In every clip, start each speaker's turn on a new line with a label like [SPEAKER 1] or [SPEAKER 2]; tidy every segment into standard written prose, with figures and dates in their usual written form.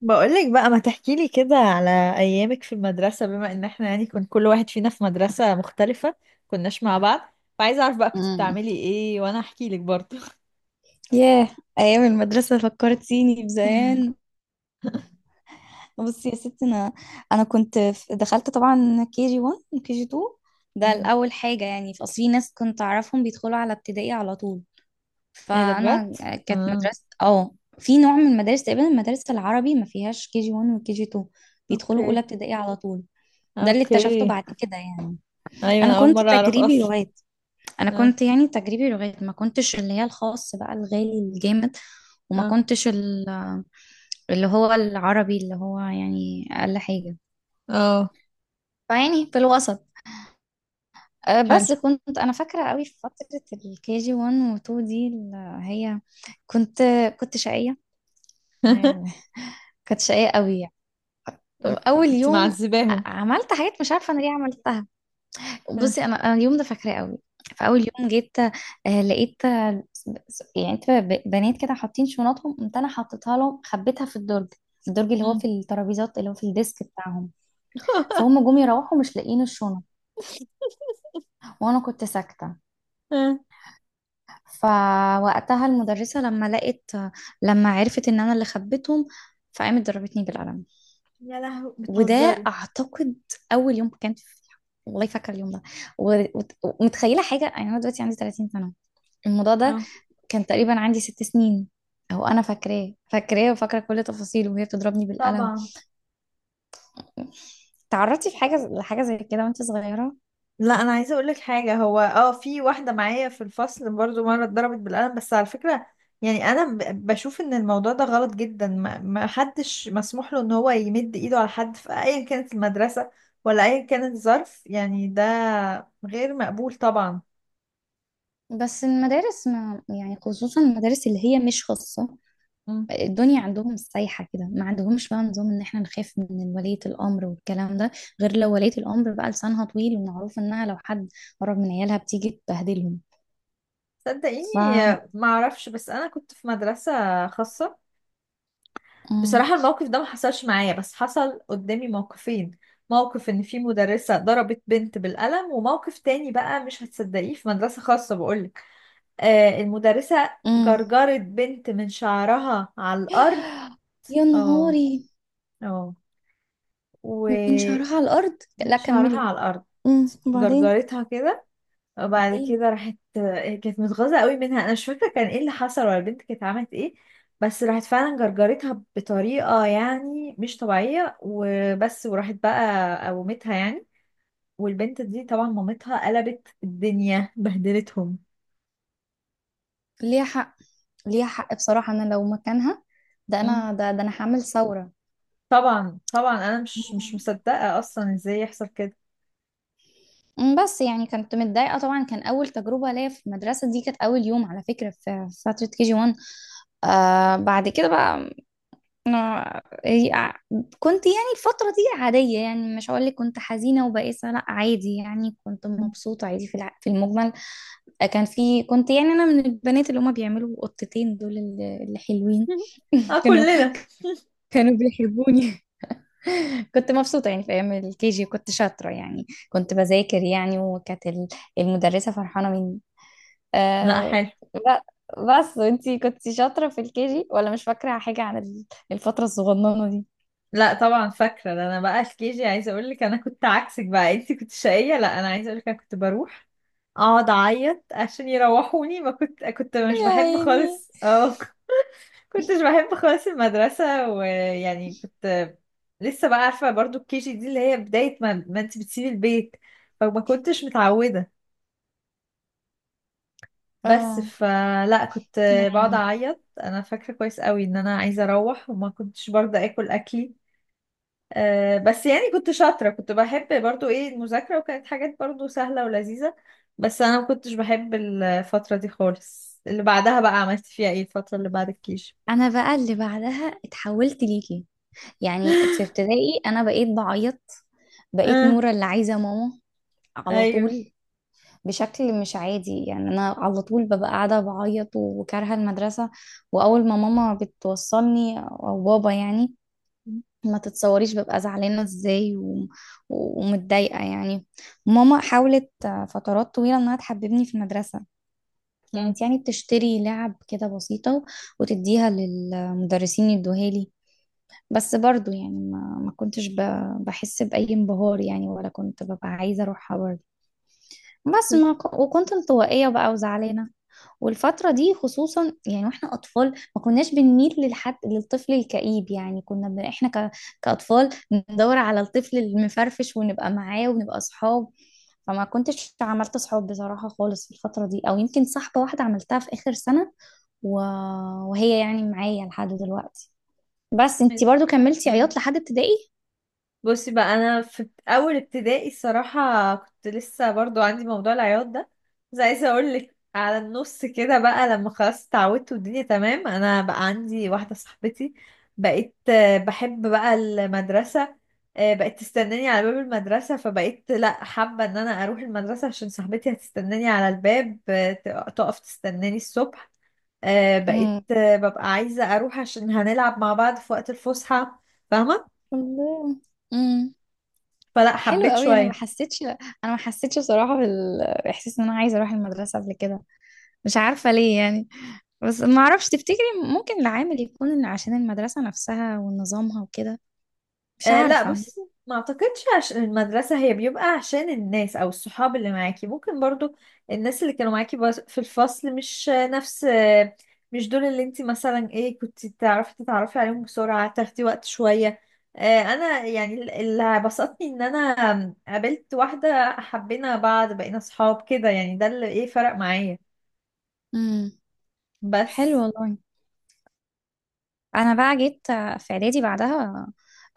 [SPEAKER 1] بقولك بقى ما تحكيلي كده على أيامك في المدرسة، بما إن احنا يعني كان كل واحد فينا في مدرسة مختلفة كناش مع بعض، فعايزة أعرف بقى كنت
[SPEAKER 2] امم
[SPEAKER 1] بتعملي إيه وأنا أحكيلك برضه.
[SPEAKER 2] ياه. ايام المدرسه فكرتيني بزمان. بصي يا ستي، انا كنت دخلت طبعا كي جي 1 وكي جي 2. ده
[SPEAKER 1] مم.
[SPEAKER 2] الاول حاجه، يعني في اصل في ناس كنت اعرفهم بيدخلوا على ابتدائي على طول.
[SPEAKER 1] إيه ده بجد؟
[SPEAKER 2] فانا كانت
[SPEAKER 1] آه.
[SPEAKER 2] مدرسه في نوع من المدارس، تقريبا المدارس العربي ما فيهاش كي جي 1 وكي جي 2، بيدخلوا اولى
[SPEAKER 1] أوكي
[SPEAKER 2] ابتدائي على طول. ده اللي اكتشفته
[SPEAKER 1] أوكي.
[SPEAKER 2] بعد كده يعني.
[SPEAKER 1] أيوة
[SPEAKER 2] انا
[SPEAKER 1] أنا أول
[SPEAKER 2] كنت
[SPEAKER 1] مرة أعرف
[SPEAKER 2] تجريبي
[SPEAKER 1] أصلا.
[SPEAKER 2] لغات انا
[SPEAKER 1] آه.
[SPEAKER 2] كنت يعني تجريبي لغات، ما كنتش اللي هي الخاص بقى الغالي الجامد، وما
[SPEAKER 1] آه.
[SPEAKER 2] كنتش اللي هو العربي، اللي هو يعني اقل حاجه،
[SPEAKER 1] آه.
[SPEAKER 2] فيعني في الوسط. بس
[SPEAKER 1] حلو.
[SPEAKER 2] كنت انا فاكره قوي في فتره الكي جي 1 و2، دي اللي هي كنت كنت شقيه. آه، كنت شقيه قوي يعني.
[SPEAKER 1] أوكي
[SPEAKER 2] اول
[SPEAKER 1] كنت
[SPEAKER 2] يوم،
[SPEAKER 1] معذباهم.
[SPEAKER 2] عملت حاجات مش عارفه انا ليه عملتها.
[SPEAKER 1] آه.
[SPEAKER 2] بصي، انا اليوم ده فاكراه قوي. فاول يوم جيت، لقيت يعني انت بنات كده حاطين شنطهم، قمت انا حطيتها لهم، خبيتها في الدرج. الدرج اللي هو في
[SPEAKER 1] مم.
[SPEAKER 2] الترابيزات، اللي هو في الديسك بتاعهم. فهم جم يروحوا مش لاقيين الشنط، وانا كنت ساكته.
[SPEAKER 1] آه.
[SPEAKER 2] فوقتها المدرسه لما عرفت ان انا اللي خبيتهم، فقامت ضربتني بالقلم.
[SPEAKER 1] يا لهوي
[SPEAKER 2] وده
[SPEAKER 1] بتهزري.
[SPEAKER 2] اعتقد اول يوم كان في. والله فاكره اليوم ده، ومتخيله حاجه، يعني انا دلوقتي عندي 30 سنه، الموضوع ده
[SPEAKER 1] اه
[SPEAKER 2] كان تقريبا عندي 6 سنين، او انا فاكراه فاكراه وفاكره كل تفاصيله وهي بتضربني بالقلم.
[SPEAKER 1] طبعا.
[SPEAKER 2] تعرضتي في حاجه لحاجه زي كده وانت صغيره؟
[SPEAKER 1] لا انا عايزه اقول لك حاجه، هو اه في واحده معايا في الفصل برضو مره اتضربت بالقلم، بس على فكره يعني انا بشوف ان الموضوع ده غلط جدا، ما حدش مسموح له ان هو يمد ايده على حد في ايا كانت المدرسه، ولا ايا كان الظرف. يعني ده غير مقبول طبعا.
[SPEAKER 2] بس المدارس، ما يعني خصوصا المدارس اللي هي مش خاصه،
[SPEAKER 1] مم.
[SPEAKER 2] الدنيا عندهم سايحه كده، ما عندهمش بقى نظام ان احنا نخاف من ولية الامر والكلام ده، غير لو ولية الامر بقى لسانها طويل ومعروف انها لو حد قرب من عيالها بتيجي تبهدلهم.
[SPEAKER 1] صدقيني
[SPEAKER 2] ف
[SPEAKER 1] ما اعرفش، بس انا كنت في مدرسه خاصه.
[SPEAKER 2] مم.
[SPEAKER 1] بصراحة الموقف ده ما حصلش معايا، بس حصل قدامي موقفين: موقف ان في مدرسة ضربت بنت بالقلم، وموقف تاني بقى مش هتصدقيه في مدرسة خاصة بقولك، آه المدرسة
[SPEAKER 2] مم.
[SPEAKER 1] جرجرت بنت من شعرها على الأرض.
[SPEAKER 2] يا
[SPEAKER 1] اه
[SPEAKER 2] نهاري.
[SPEAKER 1] اه
[SPEAKER 2] من
[SPEAKER 1] و،
[SPEAKER 2] شعرها على الارض.
[SPEAKER 1] من
[SPEAKER 2] لا
[SPEAKER 1] شعرها
[SPEAKER 2] كملي.
[SPEAKER 1] على الأرض.
[SPEAKER 2] وبعدين.
[SPEAKER 1] جرجرتها كده، وبعد
[SPEAKER 2] ليه؟
[SPEAKER 1] كده راحت آه، كانت متغاظة قوي منها، انا مش فاكرة كان ايه اللي حصل ولا البنت كانت عملت ايه، بس راحت فعلا جرجرتها بطريقة يعني مش طبيعية وبس، وراحت بقى قومتها يعني. والبنت دي طبعا مامتها قلبت الدنيا بهدلتهم.
[SPEAKER 2] ليها حق، ليها حق بصراحة، أنا لو مكانها، ده
[SPEAKER 1] مم.
[SPEAKER 2] أنا ده أنا هعمل ثورة.
[SPEAKER 1] طبعا طبعا، انا مش مصدقة اصلا ازاي يحصل كده.
[SPEAKER 2] بس يعني كنت متضايقة طبعا، كان أول تجربة ليا في المدرسة دي، كانت أول يوم على فكرة في فترة كي جي 1. بعد كده بقى أنا هي- كنت يعني الفترة دي عادية، يعني مش هقول لك كنت حزينة وبائسة، لا عادي يعني كنت مبسوطة عادي، في في المجمل. كان في كنت يعني أنا من البنات اللي هما بيعملوا قطتين دول، اللي حلوين.
[SPEAKER 1] اه
[SPEAKER 2] كانوا
[SPEAKER 1] كلنا.
[SPEAKER 2] كانوا بيحبوني. كنت مبسوطة يعني، في أيام الكي جي كنت شاطرة، يعني كنت بذاكر يعني، وكانت المدرسة فرحانة مني.
[SPEAKER 1] لا
[SPEAKER 2] أه.
[SPEAKER 1] حلو.
[SPEAKER 2] ب- بس انتي كنتي شاطرة في الكي جي ولا مش فاكرة حاجة عن الفترة الصغننة دي؟
[SPEAKER 1] لا طبعا فاكره، ده انا بقى في كيجي عايزه اقول لك، انا كنت عكسك بقى، انت كنت شقيه، لا انا عايزه اقول لك انا كنت بروح اقعد اعيط عشان يروحوني، ما كنت مش
[SPEAKER 2] يا
[SPEAKER 1] بحب
[SPEAKER 2] عيني.
[SPEAKER 1] خالص. اه كنتش بحب خالص المدرسه، ويعني كنت لسه بقى عارفه برضو الكيجي دي اللي هي بدايه ما انت بتسيبي البيت، فما كنتش متعوده، بس
[SPEAKER 2] اه.
[SPEAKER 1] فلا كنت
[SPEAKER 2] يا
[SPEAKER 1] بقعد
[SPEAKER 2] عيني.
[SPEAKER 1] اعيط. انا فاكره كويس قوي ان انا عايزه اروح، وما كنتش برضه اكل اكلي. آه، بس يعني كنت شاطرة، كنت بحب برضو ايه المذاكرة، وكانت حاجات برضو سهلة ولذيذة. بس انا ما كنتش بحب الفترة دي خالص. اللي بعدها بقى عملت فيها ايه الفترة اللي بعد الكيش؟
[SPEAKER 2] انا بقى اللي بعدها اتحولت ليكي. يعني في ابتدائي انا بقيت بعيط، بقيت
[SPEAKER 1] اه.
[SPEAKER 2] نورة اللي عايزة ماما على
[SPEAKER 1] ايوه.
[SPEAKER 2] طول، بشكل مش عادي يعني. انا على طول ببقى قاعده بعيط وكارهه المدرسه. واول ما ماما بتوصلني او بابا، يعني ما تتصوريش ببقى زعلانه ازاي. ومتضايقه يعني. ماما حاولت فترات طويله انها تحببني في المدرسه.
[SPEAKER 1] مم.
[SPEAKER 2] كانت يعني بتشتري لعب كده بسيطه، وتديها للمدرسين يدوها لي. بس برضو يعني ما كنتش بحس بأي انبهار يعني، ولا كنت ببقى عايزة أروحها برضو. بس ما ك- وكنت انطوائية بقى وزعلانة. والفترة دي خصوصا يعني، واحنا أطفال ما كناش بنميل للحد للطفل الكئيب، يعني كنا ب... احنا ك... كأطفال ندور على الطفل المفرفش ونبقى معاه ونبقى صحاب. فما كنتش عملت صحاب بصراحة خالص في الفترة دي، أو يمكن صاحبة واحدة عملتها في آخر سنة، و... وهي يعني معايا لحد دلوقتي. بس انتي برضو كملتي
[SPEAKER 1] مم.
[SPEAKER 2] عياط لحد ابتدائي؟
[SPEAKER 1] بصي بقى انا في اول ابتدائي الصراحه كنت لسه برضو عندي موضوع العياط ده، بس عايزه اقول لك على النص كده بقى، لما خلاص اتعودت والدنيا تمام، انا بقى عندي واحده صاحبتي، بقيت آه، بحب بقى المدرسه. آه، بقت تستناني على باب المدرسه، فبقيت لا حابه ان انا اروح المدرسه عشان صاحبتي هتستناني على الباب. آه، تقف تستناني الصبح. آه، بقيت
[SPEAKER 2] امم
[SPEAKER 1] آه، ببقى عايزه اروح عشان هنلعب مع بعض في وقت الفسحه. فاهمه.
[SPEAKER 2] الله.
[SPEAKER 1] فلا
[SPEAKER 2] حلو
[SPEAKER 1] حبيت
[SPEAKER 2] قوي.
[SPEAKER 1] شويه.
[SPEAKER 2] انا ما حسيتش بصراحه بالاحساس ان انا عايزه اروح المدرسه قبل كده. مش عارفه ليه يعني. بس ما اعرفش، تفتكري ممكن العامل يكون إن عشان المدرسه نفسها ونظامها وكده؟ مش
[SPEAKER 1] آه لا
[SPEAKER 2] عارفه.
[SPEAKER 1] بص، ما اعتقدش عشان المدرسة هي، بيبقى عشان الناس او الصحاب اللي معاكي، ممكن برضو الناس اللي كانوا معاكي في الفصل مش آه، نفس آه، مش دول اللي انت مثلا ايه كنت تعرفي تتعرفي عليهم بسرعة، تاخدي وقت شوية. آه انا يعني اللي بسطني ان انا قابلت واحدة حبينا بعض بقينا صحاب كده، يعني ده اللي ايه فرق معايا
[SPEAKER 2] امم حلو
[SPEAKER 1] بس.
[SPEAKER 2] والله. انا بقى جيت في اعدادي بعدها،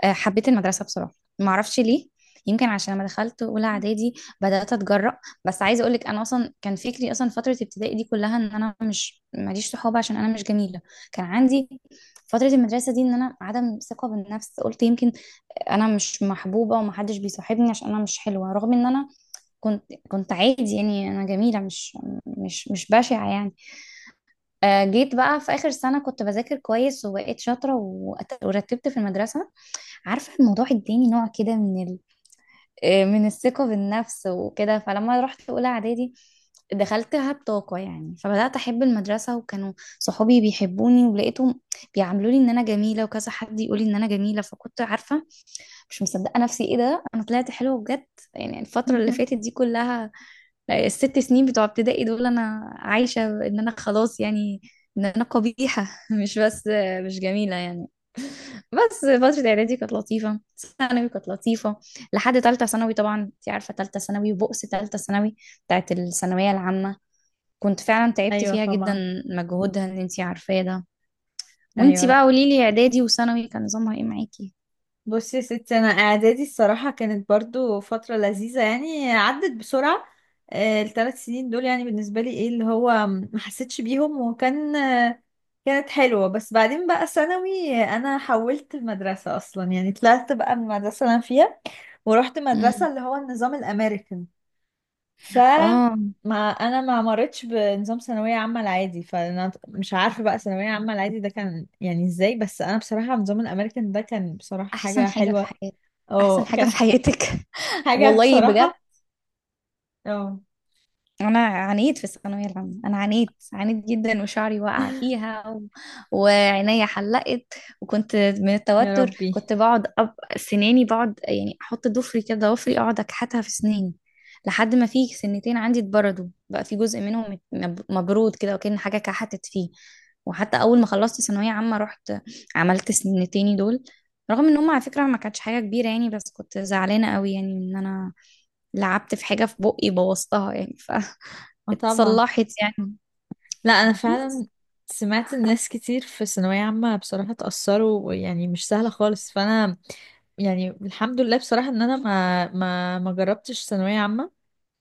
[SPEAKER 2] حبيت المدرسة بصراحة. ما اعرفش ليه. يمكن عشان لما دخلت اولى اعدادي بدات اتجرأ. بس عايزه اقول لك، انا اصلا كان فكري اصلا فتره ابتدائي دي كلها ان انا مش ماليش صحاب عشان انا مش جميله. كان عندي فتره المدرسه دي ان انا عدم ثقه بالنفس، قلت يمكن انا مش محبوبه ومحدش بيصاحبني عشان انا مش حلوه، رغم ان انا كنت عادي يعني، انا جميله، مش بشعه يعني. جيت بقى في اخر سنه كنت بذاكر كويس وبقيت شاطره، ورتبت في المدرسه. عارفة الموضوع اداني نوع كده من ال... آه، من الثقة بالنفس وكده، فلما رحت أولى إعدادي دخلتها بطاقة يعني، فبدأت أحب المدرسة وكانوا صحابي بيحبوني، ولقيتهم بيعاملوني إن أنا جميلة، وكذا حد يقولي إن أنا جميلة، فكنت عارفة. مش مصدقة نفسي، إيه ده؟ أنا طلعت حلوة بجد. يعني الفترة اللي فاتت دي كلها، الست سنين بتوع ابتدائي دول أنا عايشة إن أنا خلاص يعني إن أنا قبيحة، مش بس مش جميلة يعني. بس فترة إعدادي كانت لطيفة. ثانوي كانت لطيفة لحد تالتة ثانوي، طبعا أنت عارفة تالتة ثانوي وبؤس تالتة ثانوي بتاعت الثانوية العامة. كنت فعلا تعبت
[SPEAKER 1] ايوه
[SPEAKER 2] فيها جدا،
[SPEAKER 1] طبعا.
[SPEAKER 2] مجهودها اللي أنت عارفاه ده. وأنت بقى
[SPEAKER 1] ايوه
[SPEAKER 2] قوليلي، إعدادي وثانوي كان نظامها إيه معاكي؟
[SPEAKER 1] بصي يا ستي، انا اعدادي الصراحه كانت برضو فتره لذيذه، يعني عدت بسرعه. آه، الثلاث سنين دول يعني بالنسبه لي ايه اللي هو ما حسيتش بيهم، وكان آه، كانت حلوه. بس بعدين بقى ثانوي آه، انا حولت المدرسه اصلا، يعني طلعت بقى من المدرسه اللي انا فيها ورحت مدرسه
[SPEAKER 2] مم.
[SPEAKER 1] اللي هو النظام الامريكان، ف،
[SPEAKER 2] آه
[SPEAKER 1] ما انا ما مرتش بنظام ثانويه عامه العادي، فانا مش عارفه بقى ثانويه عامه العادي ده كان يعني ازاي، بس انا بصراحه نظام الامريكان ده كان بصراحه
[SPEAKER 2] أحسن
[SPEAKER 1] حاجه
[SPEAKER 2] حاجة في
[SPEAKER 1] حلوه.
[SPEAKER 2] حياتك. أحسن
[SPEAKER 1] اه
[SPEAKER 2] حاجة
[SPEAKER 1] كان
[SPEAKER 2] في حياتك.
[SPEAKER 1] حاجة
[SPEAKER 2] والله بجد.
[SPEAKER 1] بصراحة. اه.
[SPEAKER 2] انا عانيت في الثانويه العامه، انا عانيت عانيت جدا وشعري وقع فيها، وعينيا حلقت. وكنت من
[SPEAKER 1] يا
[SPEAKER 2] التوتر
[SPEAKER 1] ربي.
[SPEAKER 2] كنت بقعد سناني، بقعد يعني احط ضفري كده ضفري اقعد اكحتها في سناني. لحد ما في سنتين عندي اتبردوا، بقى في جزء منهم مبرود كده وكأن حاجه كحتت فيه. وحتى اول ما خلصت ثانويه عامه رحت عملت سنتين دول، رغم ان هم على فكره ما كانتش حاجه كبيره يعني، بس كنت زعلانه قوي يعني ان انا لعبت في حاجة في بقي بوظتها يعني،
[SPEAKER 1] اه طبعا.
[SPEAKER 2] فاتصلحت يعني.
[SPEAKER 1] لا انا
[SPEAKER 2] بس.
[SPEAKER 1] فعلا سمعت الناس كتير في ثانوية عامة بصراحة اتأثروا، يعني مش سهلة خالص، فانا يعني الحمد لله بصراحة ان انا ما جربتش ثانوية عامة.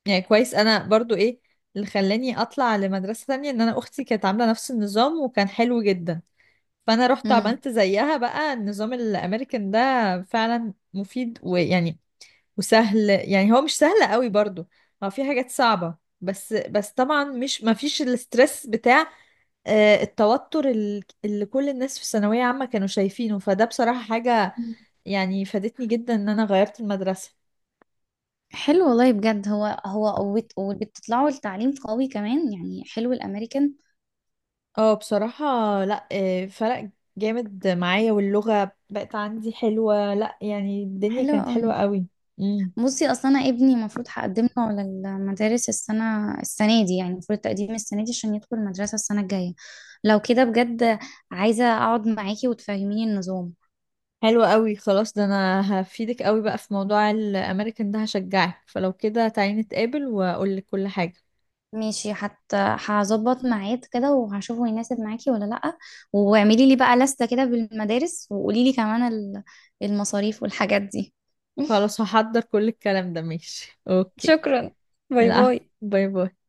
[SPEAKER 1] يعني كويس. انا برضو ايه اللي خلاني اطلع لمدرسة تانية، ان انا اختي كانت عاملة نفس النظام وكان حلو جدا، فانا رحت
[SPEAKER 2] مم.
[SPEAKER 1] عملت زيها بقى النظام الامريكان ده. فعلا مفيد، ويعني وسهل. يعني هو مش سهل قوي برضو، هو في حاجات صعبة، بس طبعا مش ما فيش الاسترس بتاع آه، التوتر اللي كل الناس في ثانوية عامة كانوا شايفينه، فده بصراحة حاجة
[SPEAKER 2] مم.
[SPEAKER 1] يعني فادتني جدا ان انا غيرت المدرسة.
[SPEAKER 2] حلو والله بجد، هو قوت وبتطلعوا لتعليم قوي كمان يعني، حلو الامريكان.
[SPEAKER 1] اه بصراحة. لا آه، فرق جامد معايا، واللغة بقت عندي حلوة، لا يعني الدنيا
[SPEAKER 2] حلو
[SPEAKER 1] كانت
[SPEAKER 2] قوي.
[SPEAKER 1] حلوة قوي. مم.
[SPEAKER 2] بصي اصلا انا ابني المفروض هقدم له على المدارس السنه دي، يعني المفروض تقديم السنه دي عشان يدخل المدرسه السنه الجايه. لو كده بجد، عايزه اقعد معاكي وتفهميني النظام.
[SPEAKER 1] حلو قوي. خلاص ده انا هفيدك قوي بقى في موضوع الامريكان ده، هشجعك، فلو كده تعالي نتقابل واقول لك كل حاجة.
[SPEAKER 2] ماشي، حتى هظبط ميعاد كده وهشوفه يناسب معاكي ولا لأ. واعملي لي بقى لستة كده بالمدارس، وقولي لي كمان المصاريف والحاجات دي.
[SPEAKER 1] خلاص هحضر كل الكلام ده، ماشي اوكي.
[SPEAKER 2] شكرا. باي
[SPEAKER 1] العفو.
[SPEAKER 2] باي.
[SPEAKER 1] باي باي.